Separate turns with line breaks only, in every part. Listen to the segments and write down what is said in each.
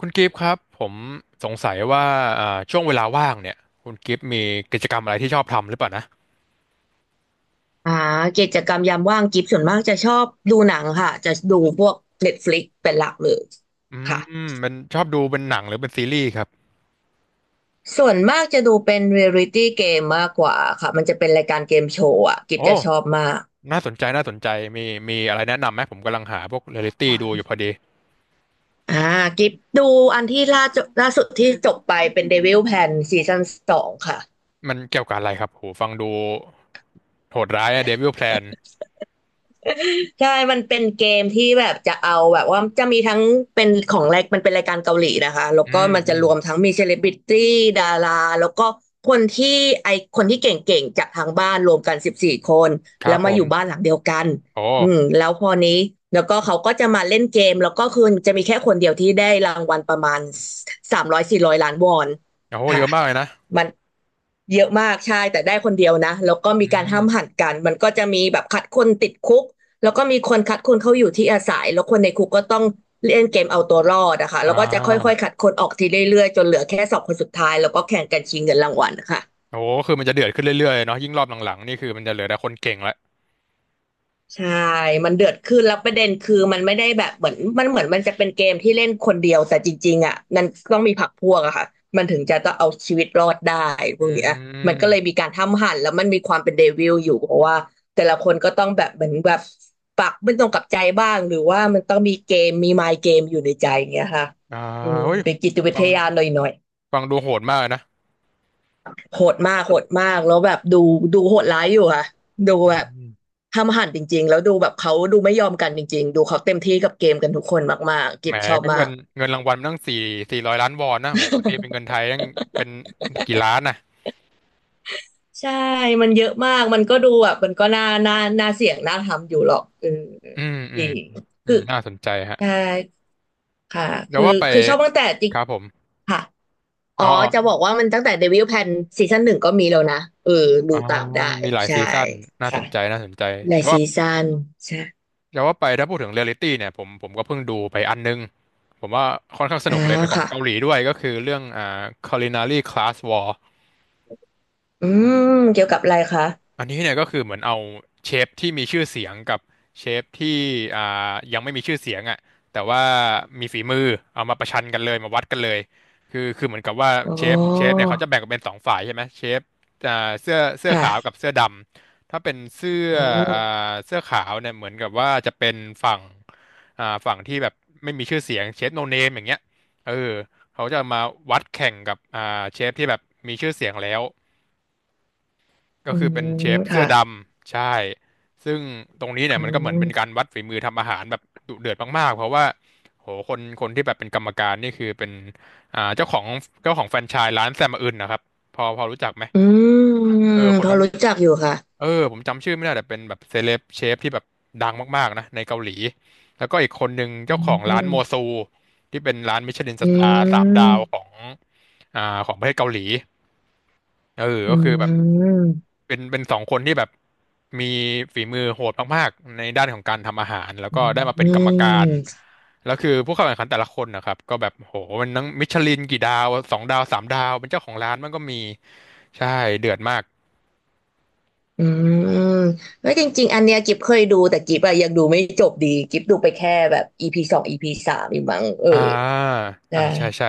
คุณกิฟต์ครับผมสงสัยว่าช่วงเวลาว่างเนี่ยคุณกิฟต์มีกิจกรรมอะไรที่ชอบทำหรือเปล่านะ
อ่ากิจกรรมยามว่างกิฟส่วนมากจะชอบดูหนังค่ะจะดูพวก Netflix เป็นหลักเลย
อื
ค่ะ
มเป็นชอบดูเป็นหนังหรือเป็นซีรีส์ครับ
ส่วนมากจะดูเป็นเรียลิตี้เกมมากกว่าค่ะมันจะเป็นรายการเกมโชว์อ่ะกิฟ
โอ้
จะชอบมาก
น่าสนใจน่าสนใจมีอะไรแนะนำไหมผมกำลังหาพวกเรียลลิตี้ดูอยู่พอดี
อ่ากิฟดูอันที่ล่าสุดที่จบไปเป็น Devil Pen ซีซั่น 2ค่ะ
มันเกี่ยวกับอะไรครับโหฟังดูโหดร้ายอะเดวิลแพลน
ใช่มันเป็นเกมที่แบบจะเอาแบบว่าจะมีทั้งเป็นของแรกมันเป็นรายการเกาหลีนะคะแล้ว
อื
ก็
ม
มัน
อื
จะ
ม
รวมทั้งมีเซเลบริตี้ดาราแล้วก็คนที่ไอคนที่เก่งๆจากทางบ้านรวมกัน14 คน
ค
แล้
รับ
ว
ผ
มาอ
ม
ยู่บ้านหลังเดียวกัน
โอ้
อืมแล้วพอนี้แล้วก็เขาก็จะมาเล่นเกมแล้วก็คือจะมีแค่คนเดียวที่ได้รางวัลประมาณ300-400 ล้านวอน
โอ้เย
ค่ะ
อะมากเลยนะ
มันเยอะมากใช่แต่ได้คนเดียวนะแล้วก็
อื
มีการ
ม
ห้ามหันกันมันก็จะมีแบบคัดคนติดคุก แล้วก็มีคนคัดคนเข้าอยู่ที่อาศัยแล้วคนในคุกก็ต้องเล่นเกมเอาตัวรอดนะคะ
อ่
แล้วก็จะค่อย
า
ๆคัดคนออกทีเรื่อยๆจนเหลือแค่2 คนสุดท้ายแล้วก็แข่งกันชิงเงินรางวัลนะคะ
โอ้คือมันจะเดือดขึ้นเรื่อยๆเนาะยิ่งรอบหลังๆนี่คือมันจะเหลือแต่คนเก่งละ
ใช่ มันเดือดขึ้นแล้วประเด็นคือ มันไม่ได้แบบเหมือนมันจะเป็นเกมที่เล่นคนเดียวแต่จริงๆอ่ะมันต้องมีพรรคพวกอะค่ะมันถึงจะต้องเอาชีวิตรอดได้พ
อื
วกเนี้ยมันก็เลยมี
ม
การทำหั่นแล้วมันมีความเป็นเดวิลอยู่เพราะว่าแต่ละคนก็ต้องแบบเหมือนแบบปักไม่ตรงกับใจบ้างหรือว่ามันต้องมีเกมมีมายเกมอยู่ในใจอย่างเงี้ยค่ะ
อ่า
อืม
เฮ้ย
เป็นจิตวิ
ฟั
ท
ง
ยาหน่อยๆ
ฟังดูโหดมากนะ
โหดมากโหดมากแล้วแบบดูโหดร้ายอยู่ค่ะดู
อื
แบบ
ม
ห้ามหันจริงๆแล้วดูแบบเขาดูไม่ยอมกันจริงๆดูเขาเต็มที่กับเกมกันทุกคนมากๆกิ
แหม
บชอบ
ก็เงิ
มา
น
ก
เงินรางวัลมันตั้งสี่สี่ร้อยล้านวอนนะโห ตีเป็นเงินไทยตั้งเป็นกี่ล้านนะ
ใช่มันเยอะมากมันก็ดูแบบมันก็น่าเสี่ยงน่าทำอยู่หรอกเออ
อืมอื
จ
ม
ริง
อื
คือ
มน่าสนใจฮะ
ใช่ค่ะ
เดี๋ยว
คือ
ว่าไป
คือชอบตั้งแต่จริง
ครับผม
ค่ะอ๋อ
อ๋อ
จะบอกว่ามันตั้งแต่เดวิลแพนซีซั่น 1ก็มีแล้วนะเออดู
อ๋อ
ตามได้
มีหลาย
ใช่
ซีซั่นน่าส
ค่ะ
นใจน่าสนใจ
ใน
จะว
ซี
ว่า
ซั่นใช่
แตวว่าไปถ้าพูดถึงเรียลลิตี้เนี่ยผมก็เพิ่งดูไปอันนึงผมว่าค่อนข้างส
อ่า
นุกเลยเป็นของ
ค่ะ
เกาหลีด้วยก็คือเรื่องCulinary Class War
อืมเกี่ยวกับอะไรคะ
อันนี้เนี่ยก็คือเหมือนเอาเชฟที่มีชื่อเสียงกับเชฟที่อ่ยังไม่มีชื่อเสียงอ่ะแต่ว่ามีฝีมือเอามาประชันกันเลยมาวัดกันเลยคือเหมือนกับว่า
อ๋
เชฟ
อ
เนี่ยเขาจะแบ่งเป็นสองฝ่ายใช่ไหมเชฟอ่าเสื้อ
ค่ะ
ขาวกับเสื้อดำถ้าเป็นเสื้อ
อื
อ่
ม
เสื้อขาวเนี่ยเหมือนกับว่าจะเป็นฝั่งฝั่งที่แบบไม่มีชื่อเสียงเชฟโนเนมอย่างเงี้ยเออเขาจะมาวัดแข่งกับเชฟที่แบบมีชื่อเสียงแล้ว ก็
อื
คือเป็นเช
ม
ฟเสื้
ค่ะ
อดำใช่ ซึ่งตรงนี้เนี่ย
อื
มันก็เหมือนเป็นการ
ม
วัดฝีมือทำอาหารแบบดุเดือดมากๆ เพราะว่าโหคนที่แบบเป็นกรรมการนี่คือเป็นอ่าเจ้าของเจ้าของแฟรนไชส์ร้านแซมอื่นนะครับพอรู้จักไหม
อื
เอ
ม
อค
พ
น
อ
นั้น
รู้จักอยู่ค่ะ
เออผมจำชื่อไม่ได้แต่เป็นแบบเซเลบเชฟที่แบบดังมากๆนะในเกาหลีแล้วก็อีกคนหนึ่งเจ้า
อื
ของร้าน
ม
โมซูที่เป็นร้านมิชลินส
อื
ตาร์สามดาว
ม
ของอ่าของประเทศเกาหลีเออ
อื
ก็คือแบบ
ม
เป็นสองคนที่แบบมีฝีมือโหดมากๆในด้านของการทำอาหารแล้ว
อื
ก็ได้มาเป็นกรรมการ
ม
แล้วคือผู้เข้าแข่งขันแต่ละคนนะครับก็แบบโหมันทั้งมิชลินกี่ดาวสองดาวสามดาวเป็นเจ้าของร้านมันก็มีใช่เดือดมาก
อืมแล้วจริงๆอันเนี้ยกิฟเคยดูแต่กิฟอะยังดูไม่จบดีกิฟดูไปแค่แบบEP 2 EP 3อยูมั้งเออ
อ่า
ได้
อ่าใช่ใช่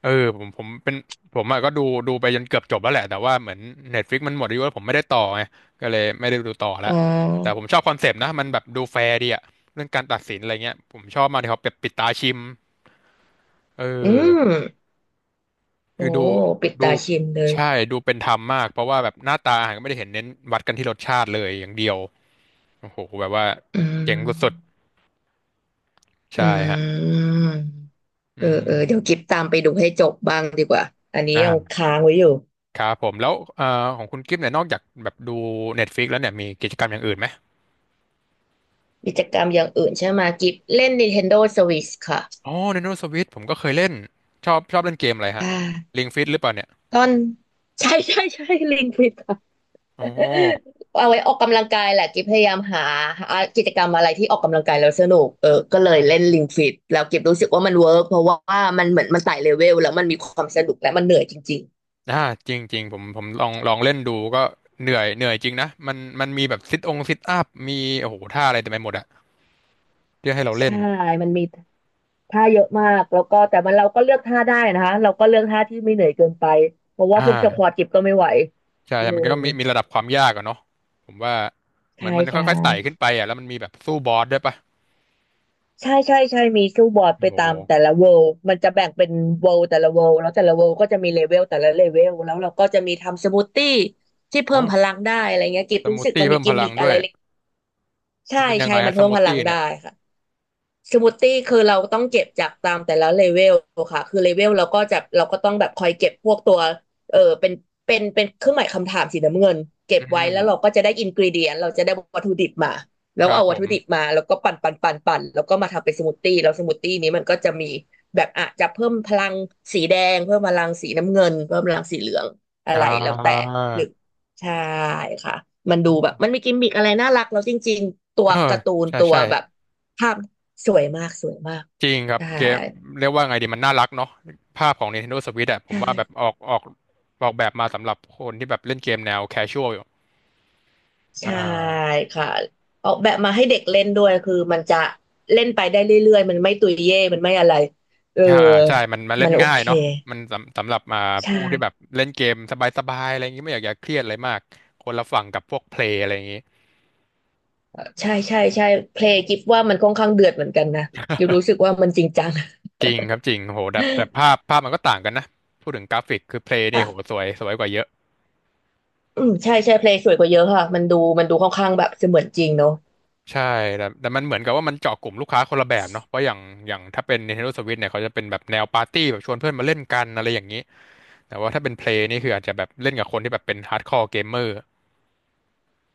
เออผมเป็นผมอะก็ดูดูไปจนเกือบจบแล้วแหละแต่ว่าเหมือน Netflix มันหมดอายุแล้วผมไม่ได้ต่อไงก็เลยไม่ได้ดูต่อละ
อ๋
แต่
อ
ผมชอบคอนเซปต์นะมันแบบดูแฟร์ดีอะเรื่องการตัดสินอะไรเงี้ยผมชอบมากที่เขาแบบปิดตาชิม เอ
อื
อ
มโอ้
คือดู
ปิด
ดู
ตาชิมเลย
ใช่ดูเป็นธรรมมากเพราะว่าแบบหน้าตาอาหารก็ไม่ได้เห็นเน้นวัดกันที่รสชาติเลยอย่างเดียวโอ้โหแบบว่า
อืม
เจ๋งสุดๆ
อ
ใช่ฮะ
ืม
อื
เออเออเดี๋ยวกิ
ม
ฟตามไปดูให้จบบ้างดีกว่า อันนี้ยัง
อ่า
ค้างไว้อยู่
ครับผมแล้วของคุณกิฟเนี่ยนอกจากแบบดู Netflix แล้วเนี่ยมีกิจกรรมอย่างอื่นไหม
กิจกรรมอย่างอื่นใช่ไหมกิฟเล่น Nintendo Switch ค่ะ
อ๋อ Nintendo Switch ผมก็เคยเล่นชอบเล่นเกมอะไร
อ่
ฮะ
า
Ring Fit หรือเปล่าเนี่ย
ตอน ใช่ใช่ใช่ลิงผิดค่ะ
อ๋อ
เอาไว้ออกกำลังกายแหละกิฟพยายามหากิจกรรมอะไรที่ออกกำลังกายแล้วสนุกเออก็เลยเล่นลิงฟิตแล้วกิฟรู้สึกว่ามันเวิร์กเพราะว่ามันเหมือนมันไต่เลเวลแล้วมันมีความสนุกและมันเหนื่อยจริง
อ่าจริงจริงผมลองเล่นดูก็เหนื่อยจริงนะมันมีแบบซิทองซิทอัพมีโอ้โหท่าอะไรเต็มไปหมดอะ เรียกให้เรา
ๆ
เล่น
ใช่มันมี ท่าเยอะมากแล้วก็แต่มันเราก็เลือกท่าได้นะคะเราก็เลือกท่าที่ไม่เหนื่อยเกินไปเพราะว่า
อ่า
พวกสควอทกิบก็ไม่ไหว
ใช่
อื
มัน
ม
ก็มีระดับความยากอะเนาะผมว่าเหมื
ใช่
อนมัน
ใช่
ค่อยๆไต่ขึ้นไปอ่ะแล้วมันมีแบบสู้บอสด้วยปะ
ใช่ใช่ใช่มีสู้บอร์ดไป
โอ้โห
ตามแต่ละเวลมันจะแบ่งเป็นเวลแต่ละเวลแล้วแต่ละเวลก็จะมีเลเวลแต่ละเลเวลแล้วเราก็จะมีทำสมูทตี้ที่เพิ่มพ
โอ้
ลังได้อะไรเงี้ยกิบ
ส
รู้
มูท
สึก
ตี้
มันมี
เพิ่มพ
กิม
ลั
มิ
ง
ก
ด้
อะ
ว
ไร
ย
เล็ก
มั
ใช่
นเป็นยัง
ใช่
ไง
มั
อะ
น
ส
เพิ่ม
มูท
พลั
ตี้
งได้
เนี่ย
ค่ะ สมูทตี้คือเราต้องเก็บจากตามแต่ละเลเวลค่ะคือเลเวลเราก็จะเราก็ต้องแบบคอยเก็บพวกตัวเออเป็นเครื่องหมายคำถามสีน้ำเงินเก็
อื
บไว้
ม
แล้วเราก็จะได้อินกรีเดียนเราจะได้วัตถุดิบมาแล้
ค
ว
รับ
เอา
ผ
วัต
ม
ถุดิบมาแล้วก็ปั่นปั่นปั่นปั่นแล้วก็มาทำเป็นสมูทตี้แล้วสมูทตี้นี้มันก็จะมีแบบอาจจะเพิ่มพลังสีแดงเพิ่มพลังสีน้ำเงินเพิ่มพลังสีเหลืองอะไร
อ่า
แล้วแต่หรือใช่ค่ะมันดู
โอ้
แบบมันมีกิมมิกอะไรน่ารักแล้วจริงๆตั
เอ
ว
อ
การ์ตูน
ใช่
ตัว
ใช่
แบบภาพ สวยมากสวยมาก
จริงครับ
ใช่
เกมเรียกว่าไงดีมันน่ารักเนาะภาพของ Nintendo Switch อะผมว่าแบบ
ใช่
ออกแบบมาสำหรับคนที่แบบเล่นเกมแนว casual อยู่อ่
ใช่
า
ค่ะออกแบบมาให้เด็กเล่นด้วยคือมันจะเล่นไปได้เรื่อยๆมันไม่ตุยเย่มันไม่อะไรเออ
อ่าอ่าใช่มันเล่
มั
น
นโอ
ง่าย
เค
เนาะมันสำหรับมา
ใช
ผู้ที่แบบ
่
เล่นเกมสบายๆอะไรอย่างงี้ไม่อยากเครียดอะไรมากคนละฝั่งกับพวกเพลย์อะไรอย่างงี้
เออใช่ใช่ใช่เพลงกิฟว่ามันค่อนข้างเดือดเหมือนกันนะกิฟรู้สึก ว่ามันจริงจัง
จริงครับจริงโหแต่แต่ภาพมันก็ต่างกันนะพูดถึงกราฟิกคือเพลย์นี่โห
อ่ะ
สวยสวยกว่าเยอะ
อืมใช่ใช่เพลงสวยกว่าเยอะค่ะมันดูมันดูค่อนข้างแบบเสมือนจริงเนอะ
ใช่แต่แต่มันเหมือนกับว่ามันเจาะกลุ่มลูกค้าคนละแบบเนาะเพราะอย่างอย่างถ้าเป็น Nintendo Switch เนี่ยเขาจะเป็นแบบแนวปาร์ตี้แบบชวนเพื่อนมาเล่นกันอะไรอย่างนี้แต่ว่าถ้าเป็นเพลย์นี่คืออาจจะแบบเล่นกับคนที่แบบเป็นฮาร์ดคอร์เกมเมอร์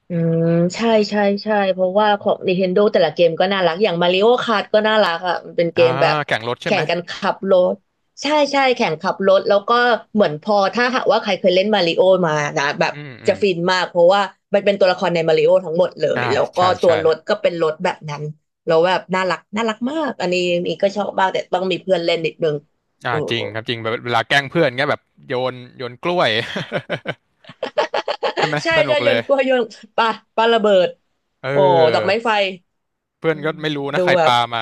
อืมใช่ใช่ใช่เพราะว่าของ Nintendo แต่ละเกมก็น่ารักอย่าง Mario Kart ก็น่ารักอ่ะมันเป็นเก
อ่า
มแบบ
แข่งรถใช่
แข่
ไหม
งกันขับรถใช่ใช่แข่งขับรถแล้วก็เหมือนพอถ้าหากว่าใครเคยเล่นมาริโอมานะแบบ
อืมอื
จะ
ม
ฟินมากเพราะว่ามันเป็นตัวละครในมาริโอทั้งหมดเล
อ่า
ยแล้วก็
ใช่
ตัว
ใช่
รถก็เป็นรถแบบนั้นแล้วแบบน่ารักน่ารักมากอันนี้นี่ก็ชอบบ้างแต่ต้องมีเพื่อนเล่นนิดนึง
อ่า
โอ้
จริงครับจริงแบบเวลาแกล้งเพื่อนเงี้ยแบบโยนกล้วย ใช่ไหม
ใช่
สนุ
ใช่
ก
โย
เลย
นกล้วยโยนปลาปลาระเบิด
เ
โอ้ดอก
ออ
ไม้ไฟ
เพื่อน
อื
ก็
ม
ไม่รู้นะ
ดู
ใคร
แบบ
ปามา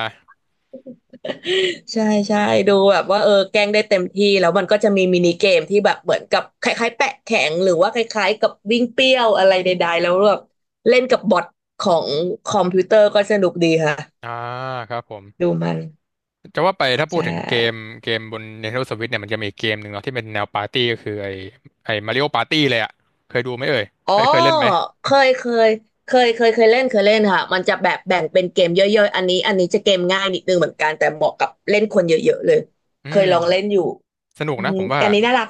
ใช่ใช่ดูแบบว่าเออแกล้งได้เต็มที่แล้วมันก็จะมีมินิเกมที่แบบเหมือนกับคล้ายๆแปะแข็งหรือว่าคล้ายๆกับวิ่งเปรี้ยวอะไรใดๆแล้วแบบเล่นกับบอทของคอมพิวเตอร์ก็สนุกดีค่ะ
อ่าครับผม
ดูมัน
จะว่าไปถ้าพู
ใช่
ดถึงเกมบน Nintendo Switch เนี่ยมันจะมีเกมหนึ่งเนาะที่เป็นแนวปาร์ตี้ก็คือไอ้มาริโอปาร์ตี้เลยอ่ะเคยดูไหมเอ่ย
อ๋อ
เอ้ยเคยเล่นไหม
เคยเคยเคยเคยเล่นเคยเล่นค่ะมันจะแบบแบ่งเป็นเกมย่อยๆอันนี้อันนี้จะเกมง่ายนิดนึงเหมือนกันแต่เหมาะกับเล่นคนเยอะๆเลย
อื
เคย
ม
ลองเล่นอยู่
สนุก
อื
นะ
ม
ผมว่า
อันนี้น่ารัก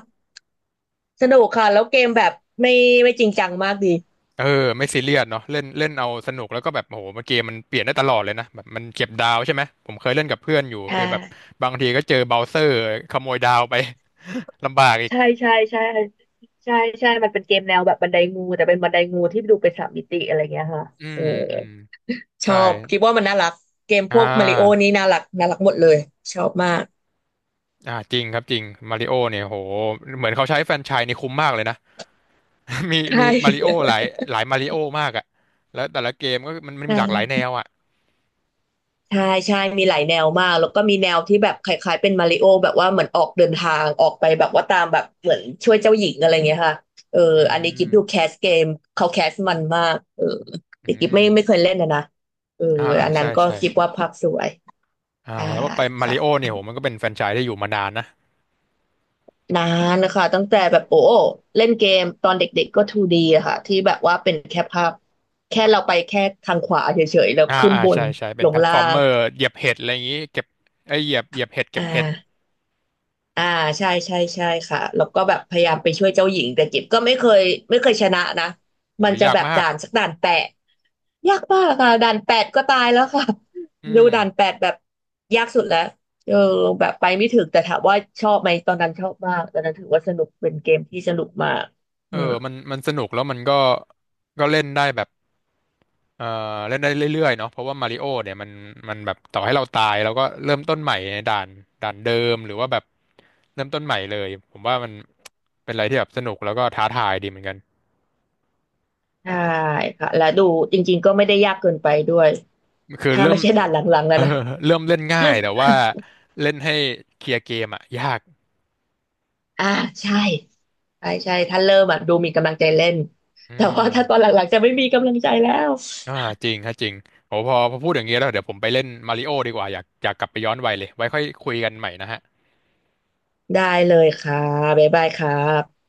สนุกค่ะแล้วเกมแบบไม่ไม่จริงจังมากดี
เออไม่ซีเรียสเนาะเล่นเล่นเอาสนุกแล้วก็แบบโอ้โหมันเกมมันเปลี่ยนได้ตลอดเลยนะแบบมันเก็บดาวใช่ไหมผมเคยเล่นกับเพื่อนอยู่
อ่
คือแบบ
า
บางทีก็เจอเบราว์เซอร์ขโมยดาวไป ลำบากอีก
ใช่ใช่ใช่ใช่ใช่มันเป็นเกมแนวแบบบันไดงูแต่เป็นบันไดงูที่ดูเป็นสามมิติอะไรเงี้ยค่ะ
อื
เอ
ม
อ
อืม
ชอ
ใช่
บคิดว่ามันน่ารักเกม
อ่
พวกมาริโอ
า
นี่น่ารักน่ารักหมดเลยชอบมาก
อ่าจริงครับจริงมาริโอเนี่ยโหเหมือนเขาใช้แฟรนไชส์นี่คุ้มมากเลยนะ มี
ใช่
มาริโอหลายหลายมาริโอมากอ่ะแล้วแต่ละเกมก็มัน
ใช
มีหลากหลายแน
่
วอ่ะ
ใช่ใช่มีหลายแนวมากแล้วก็มีแนวที่แบบคล้ายๆเป็นมาริโอแบบว่าเหมือนออกเดินทางออกไปแบบว่าตามแบบเหมือนช่วยเจ้าหญิงอะไรเงี้ยค่ะเออ
อื
อันนี้กิ
ม
ฟดูแคสเกมเขาแคสมันมากเออ
อื
แต่กิฟไม่
ม
ไม่เคยเล่นนะนะเออ
อ่าอ่า
อันนั้
ใช่
นก็
ใช่
คิดว่าภาพสวย
อ่า
ใช่
แล้วไปมา
ค่ะ
ริโอเนี่ยโหมันก็เป็นแฟรนไชส์ที่อยู่มานานนะ
นานนะคะตั้งแต่แบบโอ้เล่นเกมตอนเด็กๆก็ 2D อะค่ะที่แบบว่าเป็นแค่ภาพแค่เราไปแค่ทางขวาเฉยๆแล้ว
อ่า
ขึ้น
อ่า
บน
ใช่ใช่เป็น
ล
แพ
ง
ลตฟ
ล่า
อร์มเม
ง
อร์เหยียบเห็ดอะไรอย่างงี้เก็บไอยเหยียบเห็ดเก็
อ่
บเห็ด
าอ่าใช่ใช่ใช่ค่ะแล้วก็แบบพยายามไปช่วยเจ้าหญิงแต่กิบก็ไม่เคยชนะนะ
โห
มันจะ
ยาก
แบบ
มาก
ด่านสักด่านแปะ ยากมากค่ะด่านแปดก็ตายแล้วค่ะ
อื
ดูด่าน
ม
แปดแบบยากสุดแล้วเออแบบไปไม่ถึงแต่ถามว่าชอบไหมตอนนั้นชอบมากตอนนั้นถือว่าสนุกเป็นเกมที่สนุกมาก
เอ
อื
อ
ม
มันสนุกแล้วมันก็ก็เล่นได้แบบ เอ่อเล่นได้เรื่อยๆเนาะเพราะว่ามาริโอเนี่ยมันมันแบบต่อให้เราตายเราก็เริ่มต้นใหม่ในด่านเดิมหรือว่าแบบเริ่มต้นใหม่เลยผมว่ามันเป็นอะไรที่แบบสนุกแล้วก็ท้าทายดีเหมือนกัน
ใช่ค่ะและดูจริงๆก็ไม่ได้ยากเกินไปด้วย
คือ
ถ้า
เริ่
ไม่
ม
ใช่ด่านหลังๆแล้ว
เออ
นะ
เริ่มเล่นง่ายแต่ว่าเล่นให้เคลียร์เกมอะยาก
อ่าใช่ใช่ใช่ถ้าเริ่มอ่ะดูมีกำลังใจเล่น
อื
แต่ว่าถ้าตอน
ม
หลังๆจะไม่มีกำลังใจแล้ว
อ่าจริงฮะจริงโอ้พอพูดอย่างนี้แล้วเดี๋ยวผมไปเล่นมาริโอดีกว่าอยากกลับไปย้อนวัยเลยไว้ค่อยคุยกันใหม่นะฮะ
ได้เลยค่ะบ๊ายบายครับ